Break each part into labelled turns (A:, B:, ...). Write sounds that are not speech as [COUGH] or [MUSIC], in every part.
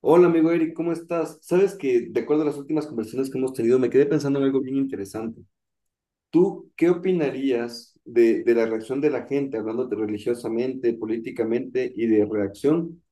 A: Hola amigo Eric, ¿cómo estás? Sabes que de acuerdo a las últimas conversaciones que hemos tenido, me quedé pensando en algo bien interesante. ¿Tú qué opinarías de la reacción de la gente, hablándote religiosamente, políticamente y de reacción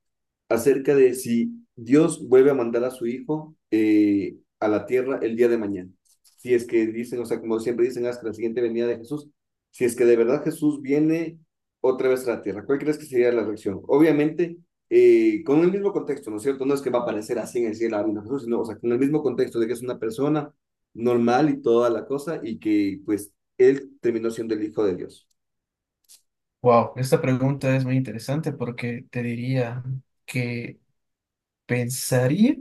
A: acerca de si Dios vuelve a mandar a su hijo a la tierra el día de mañana? Si es que dicen, o sea, como siempre dicen, hasta la siguiente venida de Jesús, si es que de verdad Jesús viene otra vez a la tierra, ¿cuál crees que sería la reacción? Obviamente, con el mismo contexto, ¿no es cierto? No es que va a aparecer así en el cielo a Jesús, sino, o sea, con el mismo contexto de que es una persona normal y toda la cosa y que pues él terminó siendo el hijo de Dios.
B: Wow, esta pregunta es muy interesante porque te diría que pensaría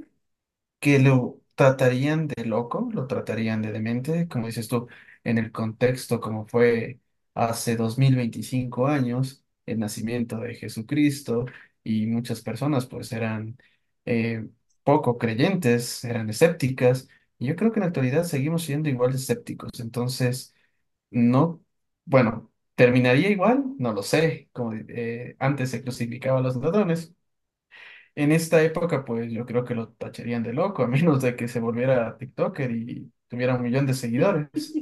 B: que lo tratarían de loco, lo tratarían de demente, como dices tú, en el contexto como fue hace 2025 años, el nacimiento de Jesucristo y muchas personas pues eran eh, poco creyentes, eran escépticas. Y yo creo que en la actualidad seguimos siendo igual de escépticos. Entonces, no, bueno, ¿terminaría igual? No lo sé. Como antes se crucificaba a los ladrones. En esta época, pues yo creo que lo tacharían de loco, a menos de que se volviera TikToker y tuviera un millón de seguidores.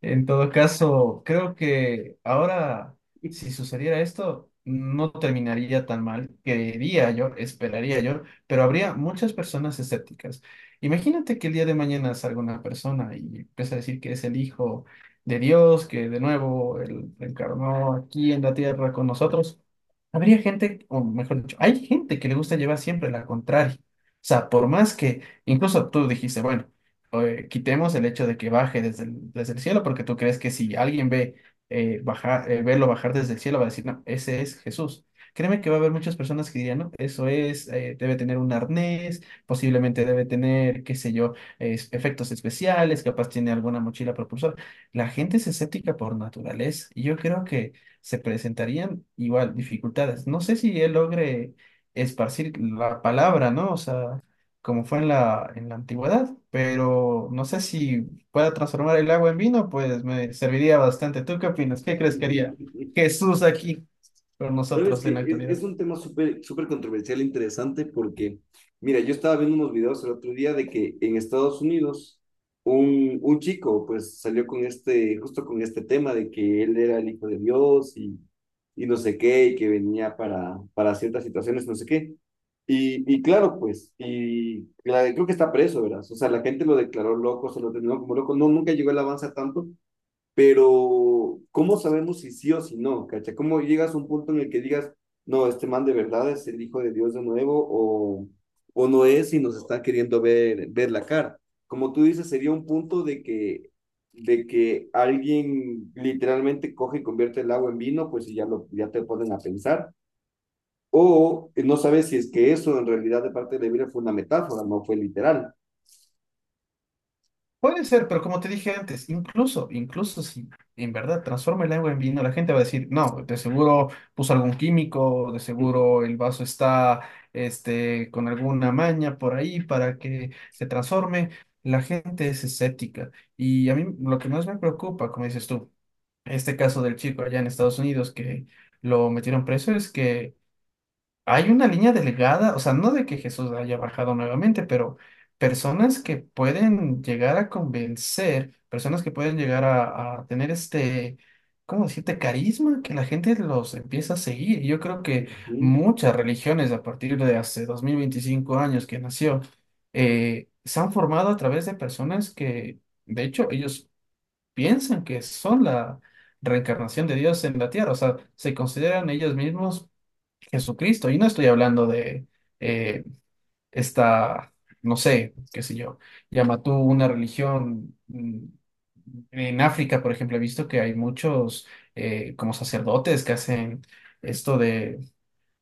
B: En todo caso, creo que ahora, si sucediera esto, no terminaría tan mal, quería yo, esperaría yo, pero habría muchas personas escépticas. Imagínate que el día de mañana salga una persona y empieza a decir que es el hijo de Dios, que de nuevo él encarnó aquí en la tierra con nosotros. Habría gente, o mejor dicho, hay gente que le gusta llevar siempre la contraria. O sea, por más que, incluso tú dijiste, bueno, quitemos el hecho de que baje desde el cielo, porque tú crees que si alguien ve verlo bajar desde el cielo, va a decir, no, ese es Jesús. Créeme que va a haber muchas personas que dirían, no, eso es, debe tener un arnés, posiblemente debe tener, qué sé yo, efectos especiales, capaz tiene alguna mochila propulsora. La gente es escéptica por naturaleza y yo creo que se presentarían igual dificultades. No sé si él logre esparcir la palabra, ¿no? O sea, como fue en la antigüedad, pero no sé si pueda transformar el agua en vino, pues me serviría bastante. ¿Tú qué opinas? ¿Qué crees que haría
A: [LAUGHS]
B: Jesús aquí con
A: Sabes
B: nosotros
A: que
B: en la
A: es
B: actualidad?
A: un tema súper súper controversial e interesante porque, mira, yo estaba viendo unos videos el otro día de que en Estados Unidos un chico pues salió con este, justo con este tema de que él era el hijo de Dios y no sé qué, y que venía para ciertas situaciones, no sé qué. Y claro, pues, y la- creo que está preso, ¿verdad? O sea, la gente lo declaró loco, se lo terminó como loco, no, nunca llegó el avance a tanto, pero ¿cómo sabemos si sí o si no? ¿Cacha? ¿Cómo llegas a un punto en el que digas, no, este man de verdad es el hijo de Dios de nuevo o no es y nos está queriendo ver la cara? Como tú dices, sería un punto de que alguien literalmente coge y convierte el agua en vino, pues y ya, lo, ya te ponen a pensar. O no sabes si es que eso en realidad de parte de la Biblia fue una metáfora, no fue literal.
B: Puede ser, pero como te dije antes, incluso si en verdad transforma el agua en vino, la gente va a decir, no, de seguro puso algún químico, de seguro el vaso está, con alguna maña por ahí para que se transforme. La gente es escéptica y a mí lo que más me preocupa, como dices tú, este caso del chico allá en Estados Unidos que lo metieron preso es que hay una línea delgada, o sea, no de que Jesús haya bajado nuevamente, pero personas que pueden llegar a convencer, personas que pueden llegar a tener ¿cómo decirte?, carisma, que la gente los empieza a seguir. Y yo creo que
A: Ujú.
B: muchas religiones a partir de hace 2025 años que nació, se han formado a través de personas que... De hecho, ellos piensan que son la reencarnación de Dios en la tierra, o sea, se consideran ellos mismos Jesucristo. Y no estoy hablando de, eh, esta, no sé, qué sé yo, llama tú una religión. En África, por ejemplo, he visto que hay muchos como sacerdotes que hacen esto de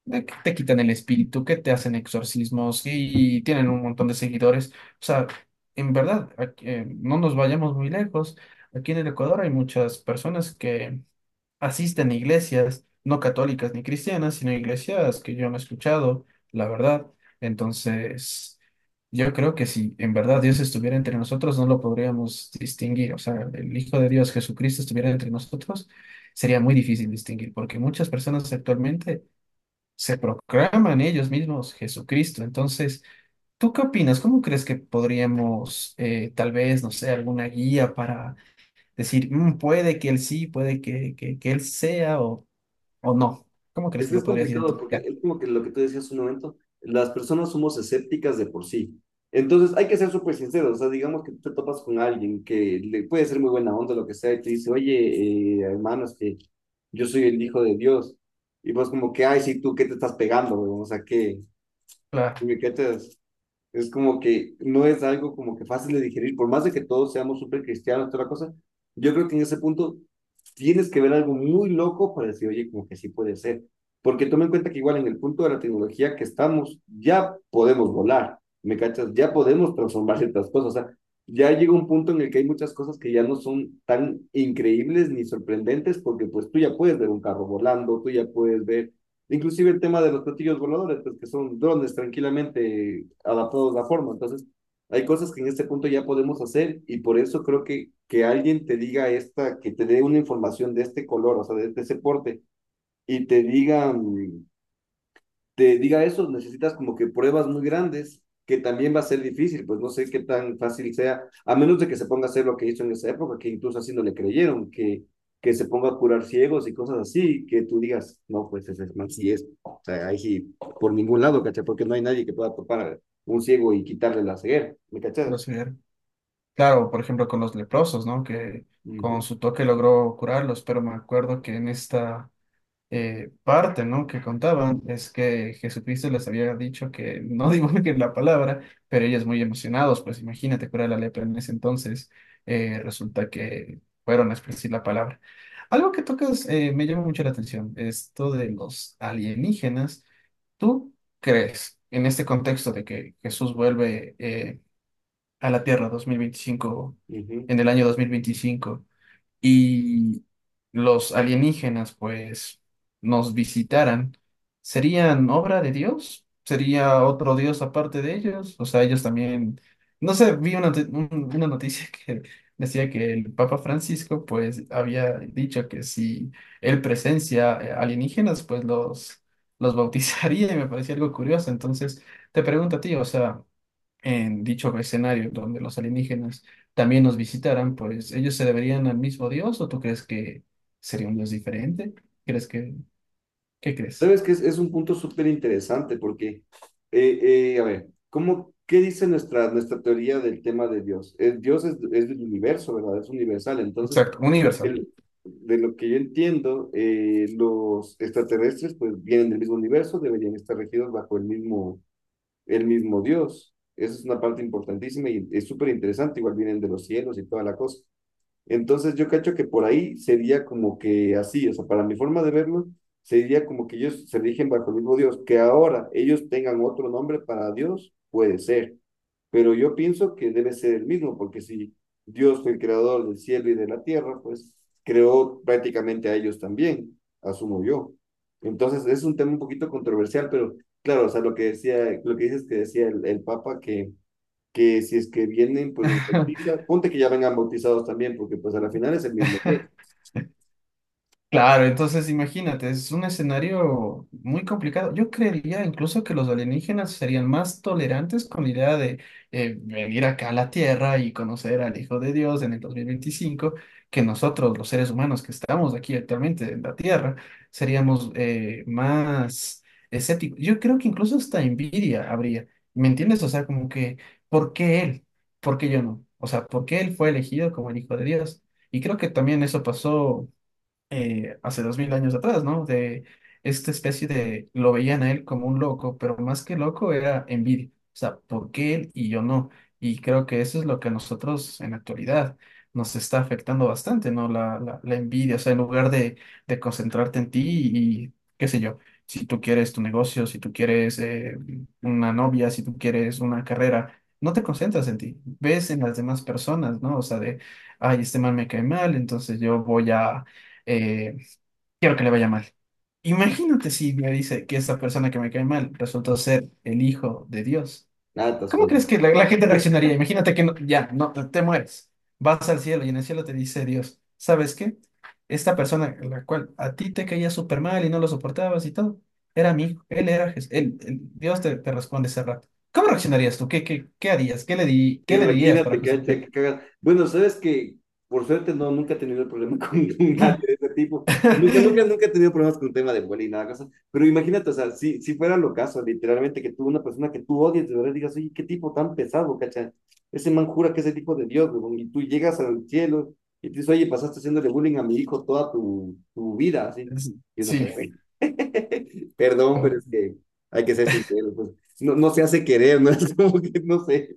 B: de que te quitan el espíritu, que te hacen exorcismos y tienen un montón de seguidores. O sea, en verdad, no nos vayamos muy lejos. Aquí en el Ecuador hay muchas personas que asisten a iglesias, no católicas ni cristianas, sino iglesias que yo no he escuchado, la verdad. Entonces, yo creo que si en verdad Dios estuviera entre nosotros, no lo podríamos distinguir. O sea, el Hijo de Dios Jesucristo estuviera entre nosotros, sería muy difícil distinguir, porque muchas personas actualmente se proclaman ellos mismos Jesucristo. Entonces, ¿tú qué opinas? ¿Cómo crees que podríamos, tal vez, no sé, alguna guía para decir, "Mm, puede que él sí, puede que él sea, o no"? ¿Cómo crees
A: Es
B: que
A: que
B: lo
A: es
B: podrías
A: complicado porque
B: identificar?
A: es como que lo que tú decías hace un momento, las personas somos escépticas de por sí. Entonces hay que ser súper sinceros, o sea, digamos que tú te topas con alguien que le puede ser muy buena onda, lo que sea, y te dice, oye, hermano, es que yo soy el hijo de Dios. Y vos como que, ay, sí, tú, ¿qué te estás pegando, weón? O sea, ¿qué,
B: Claro,
A: qué te, es como que no es algo como que fácil de digerir, por más de que todos seamos súper cristianos, toda la cosa, yo creo que en ese punto tienes que ver algo muy loco para decir, oye, como que sí puede ser. Porque toma en cuenta que igual en el punto de la tecnología que estamos, ya podemos volar, ¿me cachas? Ya podemos transformar ciertas cosas. O sea, ya llega un punto en el que hay muchas cosas que ya no son tan increíbles ni sorprendentes, porque pues tú ya puedes ver un carro volando, tú ya puedes ver inclusive el tema de los platillos voladores, pues que son drones tranquilamente adaptados a forma. Entonces, hay cosas que en este punto ya podemos hacer y por eso creo que alguien te diga esta, que te dé una información de este color, o sea, de ese porte, y te diga te diga eso, necesitas como que pruebas muy grandes, que también va a ser difícil, pues no sé qué tan fácil sea, a menos de que se ponga a hacer lo que hizo en esa época, que incluso así no le creyeron, que se ponga a curar ciegos y cosas así, que tú digas, no, pues ese man sí es, o sea, ahí sí, por ningún lado, ¿cachai? Porque no hay nadie que pueda topar a un ciego y quitarle la ceguera, ¿me
B: los
A: cachas?
B: primeros. Claro, por ejemplo, con los leprosos, ¿no? Que
A: Ujú,
B: con su toque logró curarlos, pero me acuerdo que en esta parte, ¿no?, que contaban es que Jesucristo les había dicho que no [LAUGHS] divulguen la palabra, pero ellos muy emocionados, pues imagínate curar la lepra en ese entonces, resulta que fueron a esparcir la palabra. Algo que tocas, me llama mucho la atención, esto de los alienígenas. ¿Tú crees en este contexto de que Jesús vuelve a la Tierra 2025,
A: ujú.
B: en el año 2025, y los alienígenas pues nos visitaran, serían obra de Dios? ¿Sería otro Dios aparte de ellos? O sea, ellos también, no sé, vi una noticia [LAUGHS] que decía que el Papa Francisco pues había dicho que si él presencia alienígenas, pues los bautizaría, y me parecía algo curioso. Entonces, te pregunto a ti, o sea, en dicho escenario donde los alienígenas también nos visitaran, ¿pues ellos se deberían al mismo Dios o tú crees que sería un Dios diferente? ¿Crees que, qué crees?
A: Sabes que es un punto súper interesante porque, a ver, ¿cómo, qué dice nuestra teoría del tema de Dios? Dios es del universo, ¿verdad? Es universal. Entonces,
B: Exacto, universal.
A: el- de lo que yo entiendo, los extraterrestres pues vienen del mismo universo, deberían estar regidos bajo el mismo Dios. Esa es una parte importantísima y es súper interesante. Igual vienen de los cielos y toda la cosa. Entonces yo cacho que por ahí sería como que así, o sea, para mi forma de verlo, sería como que ellos se rigen bajo el mismo Dios, que ahora ellos tengan otro nombre para Dios, puede ser, pero yo pienso que debe ser el mismo, porque si Dios fue el creador del cielo y de la tierra, pues creó prácticamente a ellos también, asumo yo. Entonces es un tema un poquito controversial, pero claro, o sea, lo que decía, lo que dices que decía el Papa, que si es que vienen, pues los
B: [LAUGHS]
A: bautiza. Ponte que ya vengan bautizados también, porque pues a la final es el mismo Dios.
B: Claro, entonces imagínate, es un escenario muy complicado. Yo creería incluso que los alienígenas serían más tolerantes con la idea de venir acá a la Tierra y conocer al Hijo de Dios en el 2025, que nosotros, los seres humanos que estamos aquí actualmente en la Tierra, seríamos más escépticos. Yo creo que incluso hasta envidia habría, ¿me entiendes? O sea, como que, ¿por qué él? ¿Por qué yo no? O sea, ¿por qué él fue elegido como el Hijo de Dios? Y creo que también eso pasó, hace 2000 años atrás, ¿no? De esta especie de, lo veían a él como un loco, pero más que loco era envidia. O sea, ¿por qué él y yo no? Y creo que eso es lo que a nosotros en la actualidad nos está afectando bastante, ¿no? La envidia, o sea, en lugar de concentrarte en ti y, qué sé yo, si tú quieres tu negocio, si tú quieres una novia, si tú quieres una carrera. No te concentras en ti, ves en las demás personas, ¿no? O sea, de, ay, este man me cae mal, entonces eh, quiero que le vaya mal. Imagínate si me dice que esa persona que me cae mal resultó ser el hijo de Dios.
A: Nada, estás
B: ¿Cómo
A: jodido.
B: crees que la gente reaccionaría? Imagínate que ya, no, te mueres. Vas al cielo y en el cielo te dice Dios, ¿sabes qué? Esta persona, la cual a ti te caía súper mal y no lo soportabas y todo, era mi hijo, él era Jesús, Dios te responde ese rato. ¿Cómo reaccionarías tú? ¿Qué harías? ¿Qué le dirías para
A: Imagínate, cancha, que
B: justificar?
A: cagas. Bueno, sabes que por suerte no, nunca he tenido el problema con [LAUGHS] nadie de ese tipo. Nunca, nunca,
B: [CLEARS THROAT]
A: nunca he
B: [LAUGHS]
A: tenido problemas con el tema de bullying y nada, cosa. Pero imagínate, o sea, si, si fuera lo caso, literalmente, que tú, una persona que tú odias, de verdad digas, oye, qué tipo tan pesado, cacha. Ese man jura que es el tipo de Dios, huevón, y tú llegas al cielo y te dices, oye, pasaste haciéndole bullying a mi hijo toda tu vida, así. Y uno
B: Sí,
A: que, [LAUGHS] perdón, pero es
B: sí.
A: que hay que ser sincero pues, no, no se hace querer, ¿no? [LAUGHS] Es como que, no sé,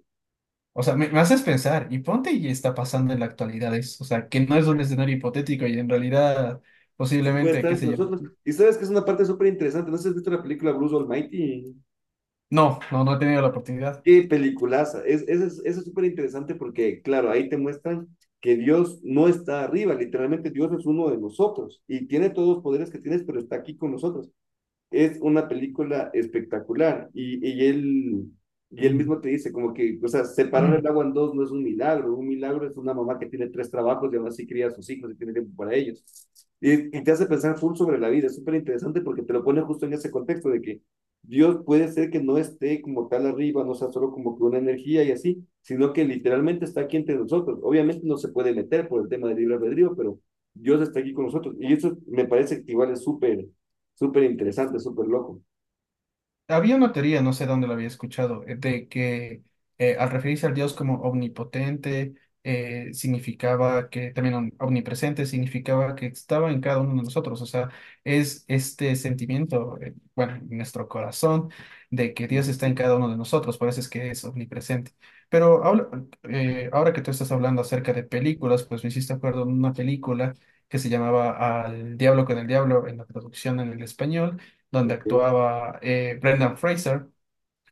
B: O sea, me haces pensar, y ponte y está pasando en la actualidad eso, o sea, que no es un escenario hipotético y en realidad
A: si puede
B: posiblemente,
A: estar
B: qué
A: entre
B: sé yo.
A: nosotros. Y sabes que es una parte súper interesante. No sé si has visto la película Bruce Almighty.
B: No, no, no he tenido la oportunidad.
A: Qué peliculaza. Eso es súper interesante porque, claro, ahí te muestran que Dios no está arriba. Literalmente, Dios es uno de nosotros y tiene todos los poderes que tienes, pero está aquí con nosotros. Es una película espectacular, y él
B: Mm.
A: mismo te dice como que, o sea, separar el
B: [CLEARS THROAT]
A: agua en dos no es un milagro es una mamá que tiene tres trabajos y aún así cría a sus hijos y tiene tiempo para ellos. Y te hace pensar full sobre la vida, es súper interesante porque te lo pone justo en ese contexto de que Dios puede ser que no esté como tal arriba, no sea solo como que una energía y así, sino que literalmente está aquí entre nosotros. Obviamente no se puede meter por el tema del libre albedrío, pero Dios está aquí con nosotros. Y eso me parece que igual es súper interesante, súper loco.
B: Había una teoría, no sé dónde la había escuchado, de que al referirse al Dios como omnipotente, significaba que también omnipresente, significaba que estaba en cada uno de nosotros. O sea, es este sentimiento, bueno, en nuestro corazón, de que Dios está en cada uno de nosotros, por eso es que es omnipresente. Pero ahora que tú estás hablando acerca de películas, pues me hiciste acuerdo en una película que se llamaba Al Diablo con el Diablo en la traducción en el español, donde
A: Ya.
B: actuaba Brendan Fraser.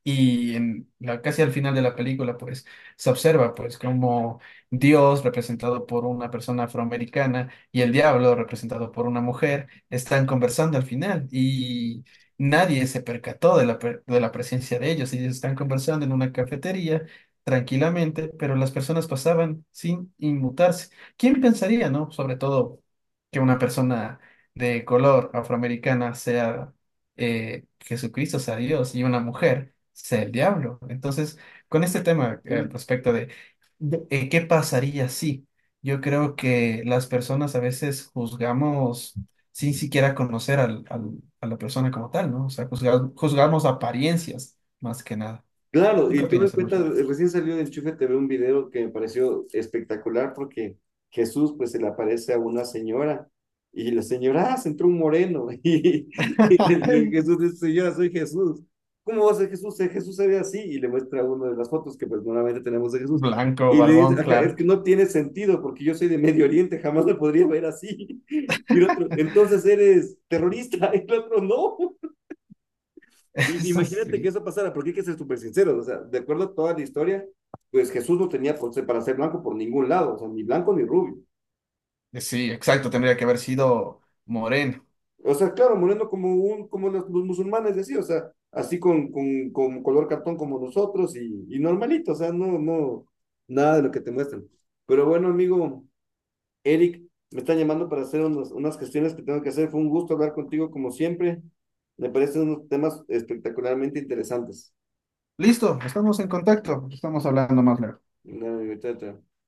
B: Y casi al final de la película, pues se observa pues como Dios representado por una persona afroamericana y el diablo representado por una mujer están conversando al final, y nadie se percató de la presencia de ellos. Ellos están conversando en una cafetería tranquilamente, pero las personas pasaban sin inmutarse. ¿Quién pensaría, no? Sobre todo que una persona de color afroamericana sea Jesucristo, sea Dios y una mujer sea el diablo. Entonces, con este tema, al
A: Mm.
B: respecto qué pasaría si, yo creo que las personas a veces juzgamos sin siquiera conocer a la persona como tal, ¿no? O sea, juzgamos apariencias más que nada.
A: Claro,
B: ¿Tú qué
A: y tuve en
B: opinas,
A: cuenta,
B: Elushi?
A: recién salió de Enchufe TV un video que me pareció espectacular porque Jesús pues se le aparece a una señora y la señora, ah, se entró un moreno, [LAUGHS] y le- Jesús
B: [LAUGHS]
A: dice, señora, soy Jesús. ¿Cómo va a ser Jesús? Si Jesús se ve así, y le muestra una de las fotos que pues normalmente tenemos de Jesús
B: Blanco,
A: y le dice,
B: barbón,
A: "Ajá, es
B: claro.
A: que no tiene sentido porque yo soy de Medio Oriente, jamás me podría ver así". [LAUGHS] Y el otro, entonces
B: [LAUGHS]
A: eres terrorista. [LAUGHS] Y el otro, no. I-
B: Eso
A: Imagínate que
B: sí.
A: eso pasara, porque hay que ser súper sinceros, o sea, de acuerdo a toda la historia, pues Jesús no tenía por ser- para ser blanco por ningún lado, o sea, ni blanco ni rubio.
B: Sí, exacto, tendría que haber sido moreno.
A: O sea, claro, moreno como un, como los musulmanes decían, o sea, así con color cartón como nosotros y normalito, o sea, no, no, nada de lo que te muestran. Pero bueno, amigo Eric, me están llamando para hacer unas, unas gestiones que tengo que hacer. Fue un gusto hablar contigo como siempre. Me parecen unos temas espectacularmente interesantes.
B: Listo, estamos en contacto, estamos hablando más luego.
A: Dale, amigo, chao, chao.